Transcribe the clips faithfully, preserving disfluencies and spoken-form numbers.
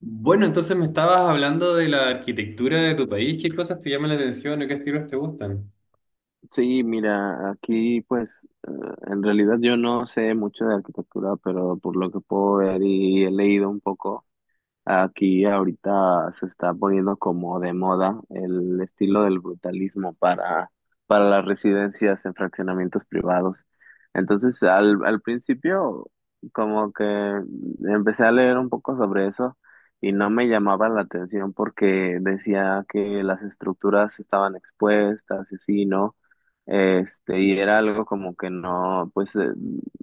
Bueno, entonces me estabas hablando de la arquitectura de tu país, qué cosas te llaman la atención o qué estilos te gustan. Sí, mira, aquí pues eh, en realidad yo no sé mucho de arquitectura, pero por lo que puedo ver y he leído un poco. Aquí ahorita se está poniendo como de moda el estilo del brutalismo para, para las residencias en fraccionamientos privados. Entonces, al, al principio, como que empecé a leer un poco sobre eso y no me llamaba la atención porque decía que las estructuras estaban expuestas y así, ¿no? Este, y era algo como que no, pues eh,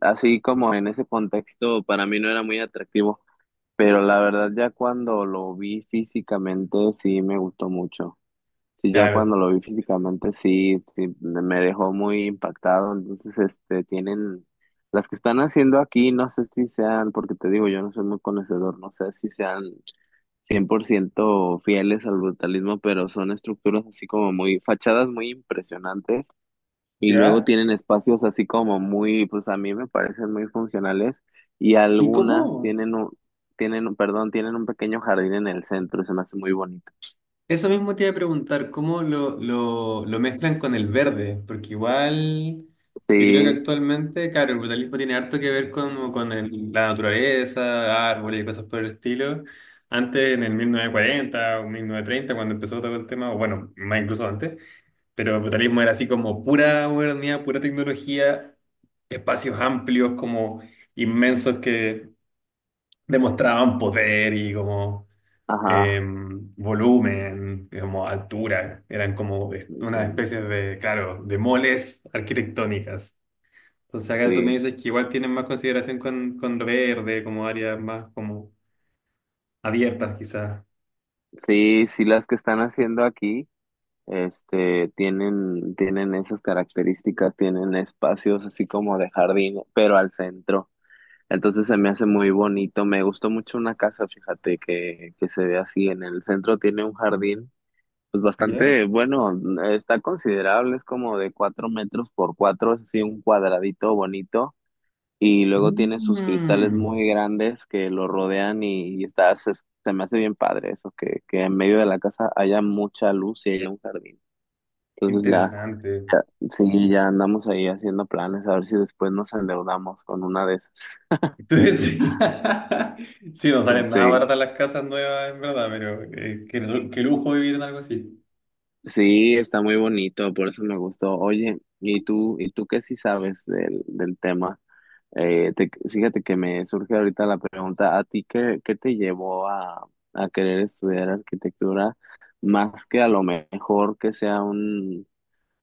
así como en ese contexto para mí no era muy atractivo. Pero la verdad ya cuando lo vi físicamente sí me gustó mucho. Sí, ya Claro. cuando lo vi físicamente sí, sí me me dejó muy impactado. Entonces, este, tienen las que están haciendo aquí, no sé si sean, porque te digo, yo no soy muy conocedor, no sé si sean cien por ciento fieles al brutalismo, pero son estructuras así como muy, fachadas muy impresionantes y luego ¿Ya? tienen espacios así como muy, pues a mí me parecen muy funcionales y ¿Y algunas cómo? tienen un, tienen, un- perdón, tienen un pequeño jardín en el centro, se me hace muy bonito. Eso mismo te iba a preguntar, ¿cómo lo, lo, lo mezclan con el verde? Porque igual yo creo que Sí, actualmente, claro, el brutalismo tiene harto que ver con, con el- la naturaleza, árboles y cosas por el estilo. Antes, en el mil novecientos cuarenta o mil novecientos treinta, cuando empezó todo el tema, o bueno, más incluso antes, pero el brutalismo era así como pura modernidad, pura tecnología, espacios amplios, como inmensos que demostraban poder y como ajá, eh, volumen, como altura. Eran como es- una ujú, especie de, claro, de moles arquitectónicas. Entonces acá tú me sí, dices que igual tienen más consideración con, con lo verde, como áreas más como abiertas quizás. sí, sí, las que están haciendo aquí, este, tienen, tienen esas características, tienen espacios así como de jardín, pero al centro. Entonces se me hace muy bonito, me gustó mucho una casa, fíjate, que, que se ve así en el centro, tiene un jardín pues ¿Ya? bastante bueno, está considerable, es como de cuatro metros por cuatro, es así un cuadradito bonito, y luego tiene sus cristales Mm, muy grandes que lo rodean y, y está, se, se me hace bien padre eso, que, que en medio de la casa haya mucha luz y haya un jardín. Entonces ya, interesante. ya, sí, ya andamos ahí haciendo planes, a ver si después nos endeudamos con una de esas. Entonces, sí, sí, no salen nada Sí, baratas las casas nuevas, en verdad, pero eh, qué, lu- qué lujo vivir en algo así. sí, está muy bonito, por eso me gustó. Oye, ¿y tú, y tú qué sí sabes del, del tema? Eh, te- fíjate que me surge ahorita la pregunta, ¿a ti qué, qué te llevó a, a querer estudiar arquitectura más que a lo mejor que sea un,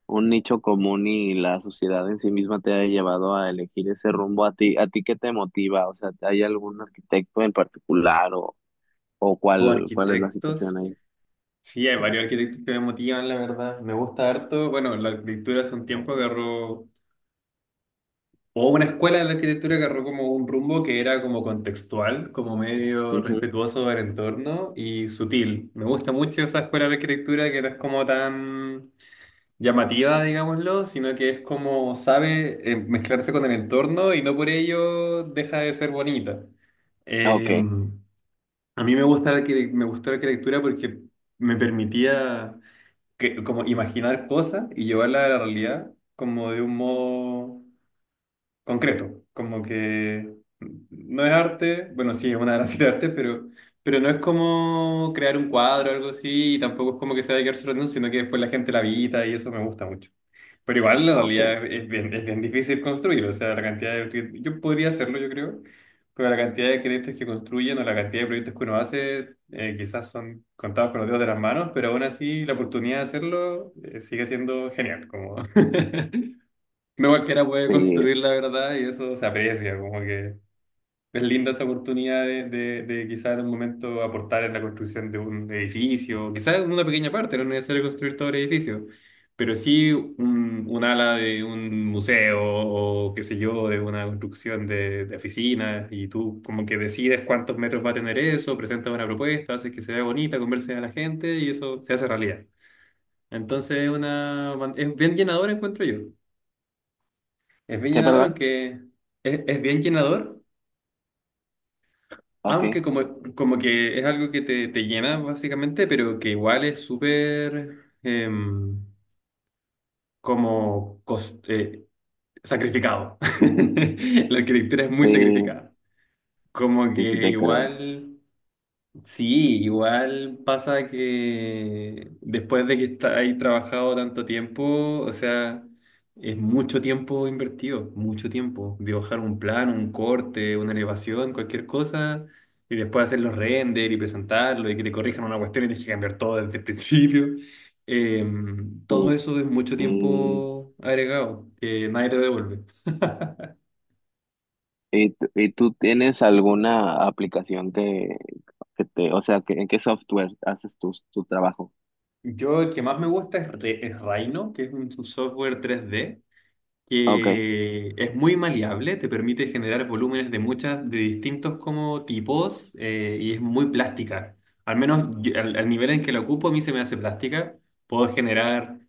un nicho común y la sociedad en sí misma te haya llevado a elegir ese rumbo? ¿A ti, a ti qué te motiva? O sea, ¿hay algún arquitecto en particular o, o O cuál, cuál es la arquitectos. situación ahí? Sí, hay varios arquitectos que me motivan, la verdad. Me gusta harto. Bueno, la arquitectura hace un tiempo agarró, o una escuela de la arquitectura agarró como un rumbo que era como contextual, como medio Ujú. respetuoso del entorno y sutil. Me gusta mucho esa escuela de arquitectura que no es como tan llamativa, digámoslo, sino que es como sabe eh, mezclarse con el entorno y no por ello deja de ser bonita. Eh, Okay. a mí me gusta la arquite- me gustó la arquitectura porque me permitía que- como imaginar cosas y llevarlas a la realidad como de un modo concreto, como que no es arte, bueno, sí, es una de las de arte, pero, pero no es como crear un cuadro o algo así, y tampoco es como que se vaya a quedar solo en eso, sino que después la gente la habita y eso me gusta mucho. Pero igual la Ok. realidad es bien, es bien difícil construir, o sea, la cantidad de cre- yo podría hacerlo, yo creo, pero la cantidad de créditos que construyen o la cantidad de proyectos que uno hace eh, quizás son contados con los dedos de las manos, pero aún así la oportunidad de hacerlo eh, sigue siendo genial, como no cualquiera puede Sí. construir la verdad y eso se aprecia, como que... Es linda esa oportunidad de, de, de quizás en un momento aportar en la construcción de un edificio, quizás en una pequeña parte, no es necesario construir todo el edificio, pero sí un, un ala de un museo o qué sé yo, de una construcción de, de oficinas y tú como que decides cuántos metros va a tener eso, presentas una propuesta, haces que se vea bonita, converses a la gente y eso se hace realidad. Entonces es una, es bien llenador encuentro yo. Es bien ¿Qué, llenador perdón? aunque es, es bien llenador Aunque Okay. como, como que es algo que te, te llena básicamente, pero que igual es súper em, como cos- eh, sacrificado. La arquitectura es muy Sí, sacrificada. Como sí, sí que te creo. igual... Sí, igual pasa que después de que está ahí trabajado tanto tiempo, o sea, es mucho tiempo invertido, mucho tiempo. Dibujar un plan, un corte, una elevación, cualquier cosa, y después hacer los render y presentarlo y que te corrijan una cuestión y tienes que cambiar todo desde el principio. Eh, todo eso es mucho Sí. tiempo agregado, que nadie te lo devuelve. ¿Y, tú y tú tienes alguna aplicación que, que te, o sea, que, en qué software haces tu, tu trabajo? Yo el que más me gusta es, Re- es Rhino, que es un software tres d Ok, que es muy maleable, te permite generar volúmenes de muchas, de distintos como tipos eh, y es muy plástica. Al menos yo- al, al nivel en que la ocupo, a mí se me hace plástica. Puedo generar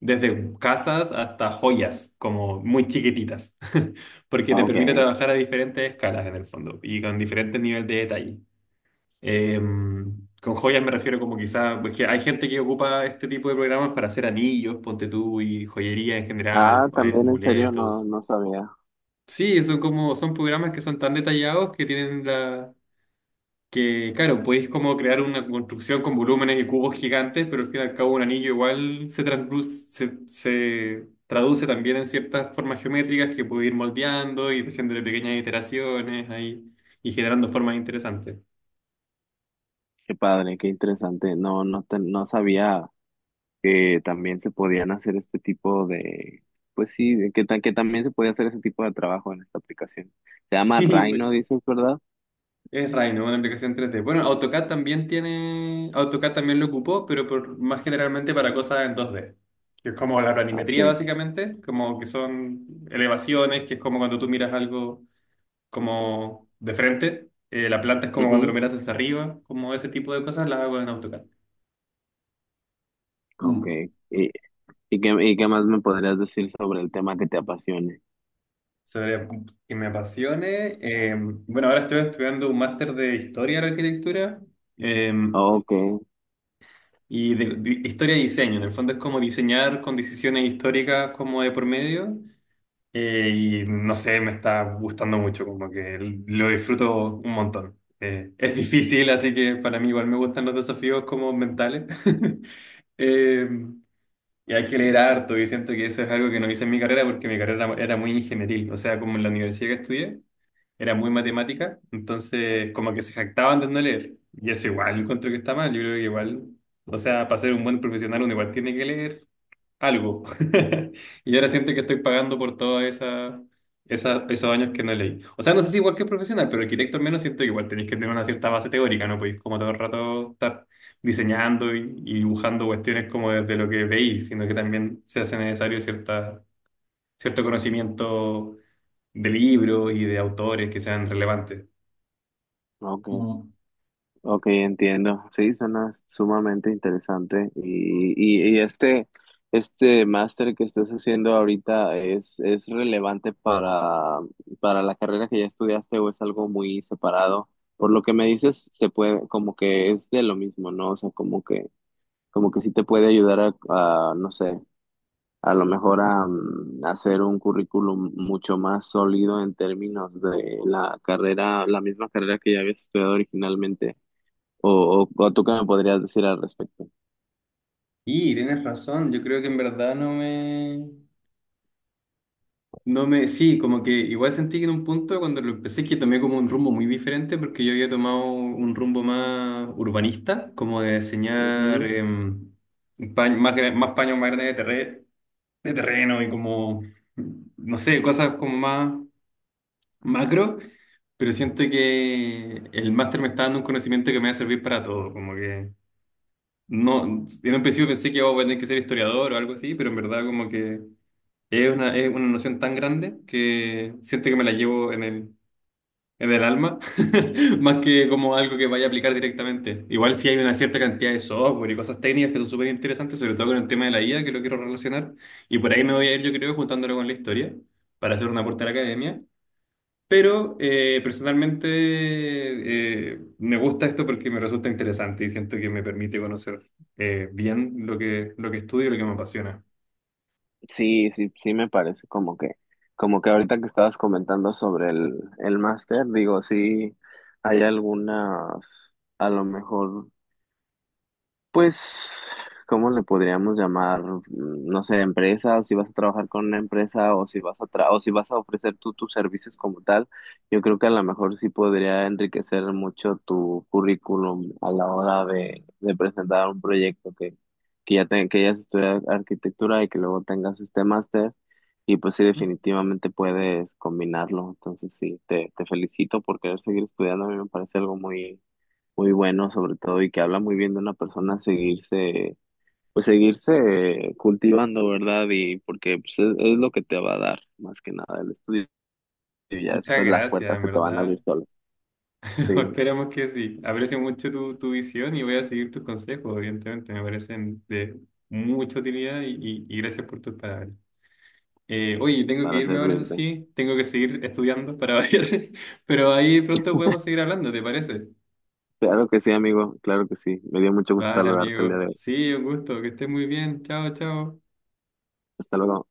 desde casas hasta joyas, como muy chiquititas, porque te permite ok. trabajar a diferentes escalas en el fondo y con diferentes niveles de detalle. Eh, con joyas me refiero como quizá, pues, que hay gente que ocupa este tipo de programas para hacer anillos, ponte tú, y joyería en general, Ah, eh, también en serio no, amuletos. no sabía. Sí, son como, son programas que son tan detallados que tienen la, que claro, podéis como crear una construcción con volúmenes y cubos gigantes, pero al fin y al cabo un anillo igual se transluce- se, se traduce también en ciertas formas geométricas que podéis ir moldeando y haciéndole pequeñas iteraciones ahí y generando formas interesantes. Qué padre, qué interesante. No, no te- no sabía que también se podían hacer este tipo de, pues sí, de que, ta- que también se podía hacer ese tipo de trabajo en esta aplicación. Se llama Sí, Rhino, dices, ¿verdad? es Rhino, una aplicación tres D. Bueno, AutoCAD también tiene. AutoCAD también lo ocupó, pero por, más generalmente para cosas en dos D. Que es como la Ah, planimetría, sí. básicamente. Como que son elevaciones, que es como cuando tú miras algo como de frente. Eh, la planta es como cuando lo Ujú. miras desde arriba. Como ese tipo de cosas las hago en AutoCAD. Ok. Mm. ¿Y, y qué, y qué más me podrías decir sobre el tema que te apasione? Sobre que me apasione. eh, bueno, ahora estoy estudiando un máster de historia de la arquitectura. eh, Ok, Y de, de historia y diseño, en el fondo es como diseñar con decisiones históricas como de por medio. Eh, y no sé, me está gustando mucho, como que lo disfruto un montón. Eh, es difícil, así que para mí igual me gustan los desafíos como mentales. Eh, y hay que leer harto, y siento que eso es algo que no hice en mi carrera porque mi carrera era muy ingenieril, o sea, como en la universidad que estudié, era muy matemática, entonces como que se jactaban de no leer. Y eso igual encuentro que está mal, yo creo que igual, o sea, para ser un buen profesional uno igual tiene que leer, algo. Y ahora siento que estoy pagando por todos esa, esa- esos años que no leí. O sea, no sé si igual que profesional, pero arquitecto al menos siento que igual tenéis que tener una cierta base teórica, ¿no? Podéis como todo el rato estar diseñando y, y dibujando cuestiones como desde lo que veis, sino que también se hace necesario cierta, cierto conocimiento de libros y de autores que sean relevantes. ok. Mm. Ok, entiendo. Sí, suena sumamente interesante. Y, y, y este, este máster que estás haciendo ahorita es, es relevante para, para la carrera que ya estudiaste o es algo muy separado. Por lo que me dices, se puede, como que es de lo mismo, ¿no? O sea, como que, como que sí te puede ayudar a, a, no sé, a lo mejor a, mm, hacer un currículum mucho más sólido en términos de la carrera, la misma carrera que ya habías estudiado originalmente. ¿O, o, o tú qué me podrías decir al respecto? Y tienes razón, yo creo que en verdad no me... no me, sí, como que igual sentí que en un punto cuando lo empecé que tomé como un rumbo muy diferente porque yo había tomado un rumbo más urbanista, como de diseñar Ujú. em, pa- más, gra- más paños más grandes de, terre- de terreno y como, no sé, cosas como más macro, pero siento que el máster me está dando un conocimiento que me va a servir para todo, como que no, en un principio pensé que oh, voy a tener que ser historiador o algo así, pero en verdad como que... es una, es una noción tan grande que siento que me la llevo en el, en el alma, más que como algo que vaya a aplicar directamente. Igual si hay una cierta cantidad de software y cosas técnicas que son súper interesantes, sobre todo con el tema de la I A, que lo quiero relacionar, y por ahí me voy a ir, yo creo, juntándolo con la historia, para hacer un aporte a la academia. Pero eh, personalmente eh, me gusta esto porque me resulta interesante y siento que me permite conocer eh, bien lo que, lo que estudio y lo que me apasiona. Sí, sí, sí me parece como que, como que ahorita que estabas comentando sobre el, el máster, digo, sí hay algunas, a lo mejor. Pues, ¿cómo le podríamos llamar? Mm, no sé, empresa, si vas a trabajar con una empresa o si vas a tra- o si vas a ofrecer tú tus servicios como tal, yo creo que a lo mejor sí podría enriquecer mucho tu currículum a la hora de, de presentar un proyecto que, que ya te- que ya estudiado arquitectura y que luego tengas este máster. Y pues sí, ¿Mm? definitivamente puedes combinarlo. Entonces sí, te, te felicito porque seguir estudiando a mí me parece algo muy muy bueno sobre todo y que habla muy bien de una persona seguirse, pues seguirse cultivando, ¿verdad? Y porque pues, es, es lo que te va a dar más que nada el estudio y ya Muchas después las gracias, puertas en se te van a verdad. abrir solas, sí, Esperamos que sí. Aprecio mucho tu, tu visión y voy a seguir tus consejos, evidentemente. Me parecen de mucha utilidad y, y- y gracias por tus palabras. Eh, oye, tengo que para irme ahora, eso servirte. sí. Tengo que seguir estudiando para variar. Pero ahí pronto podemos seguir hablando, ¿te parece? Claro que sí, amigo, claro que sí. Me dio mucho gusto Vale, saludarte el día de amigo. hoy. Sí, un gusto. Que estés muy bien. Chao, chao. Hasta luego.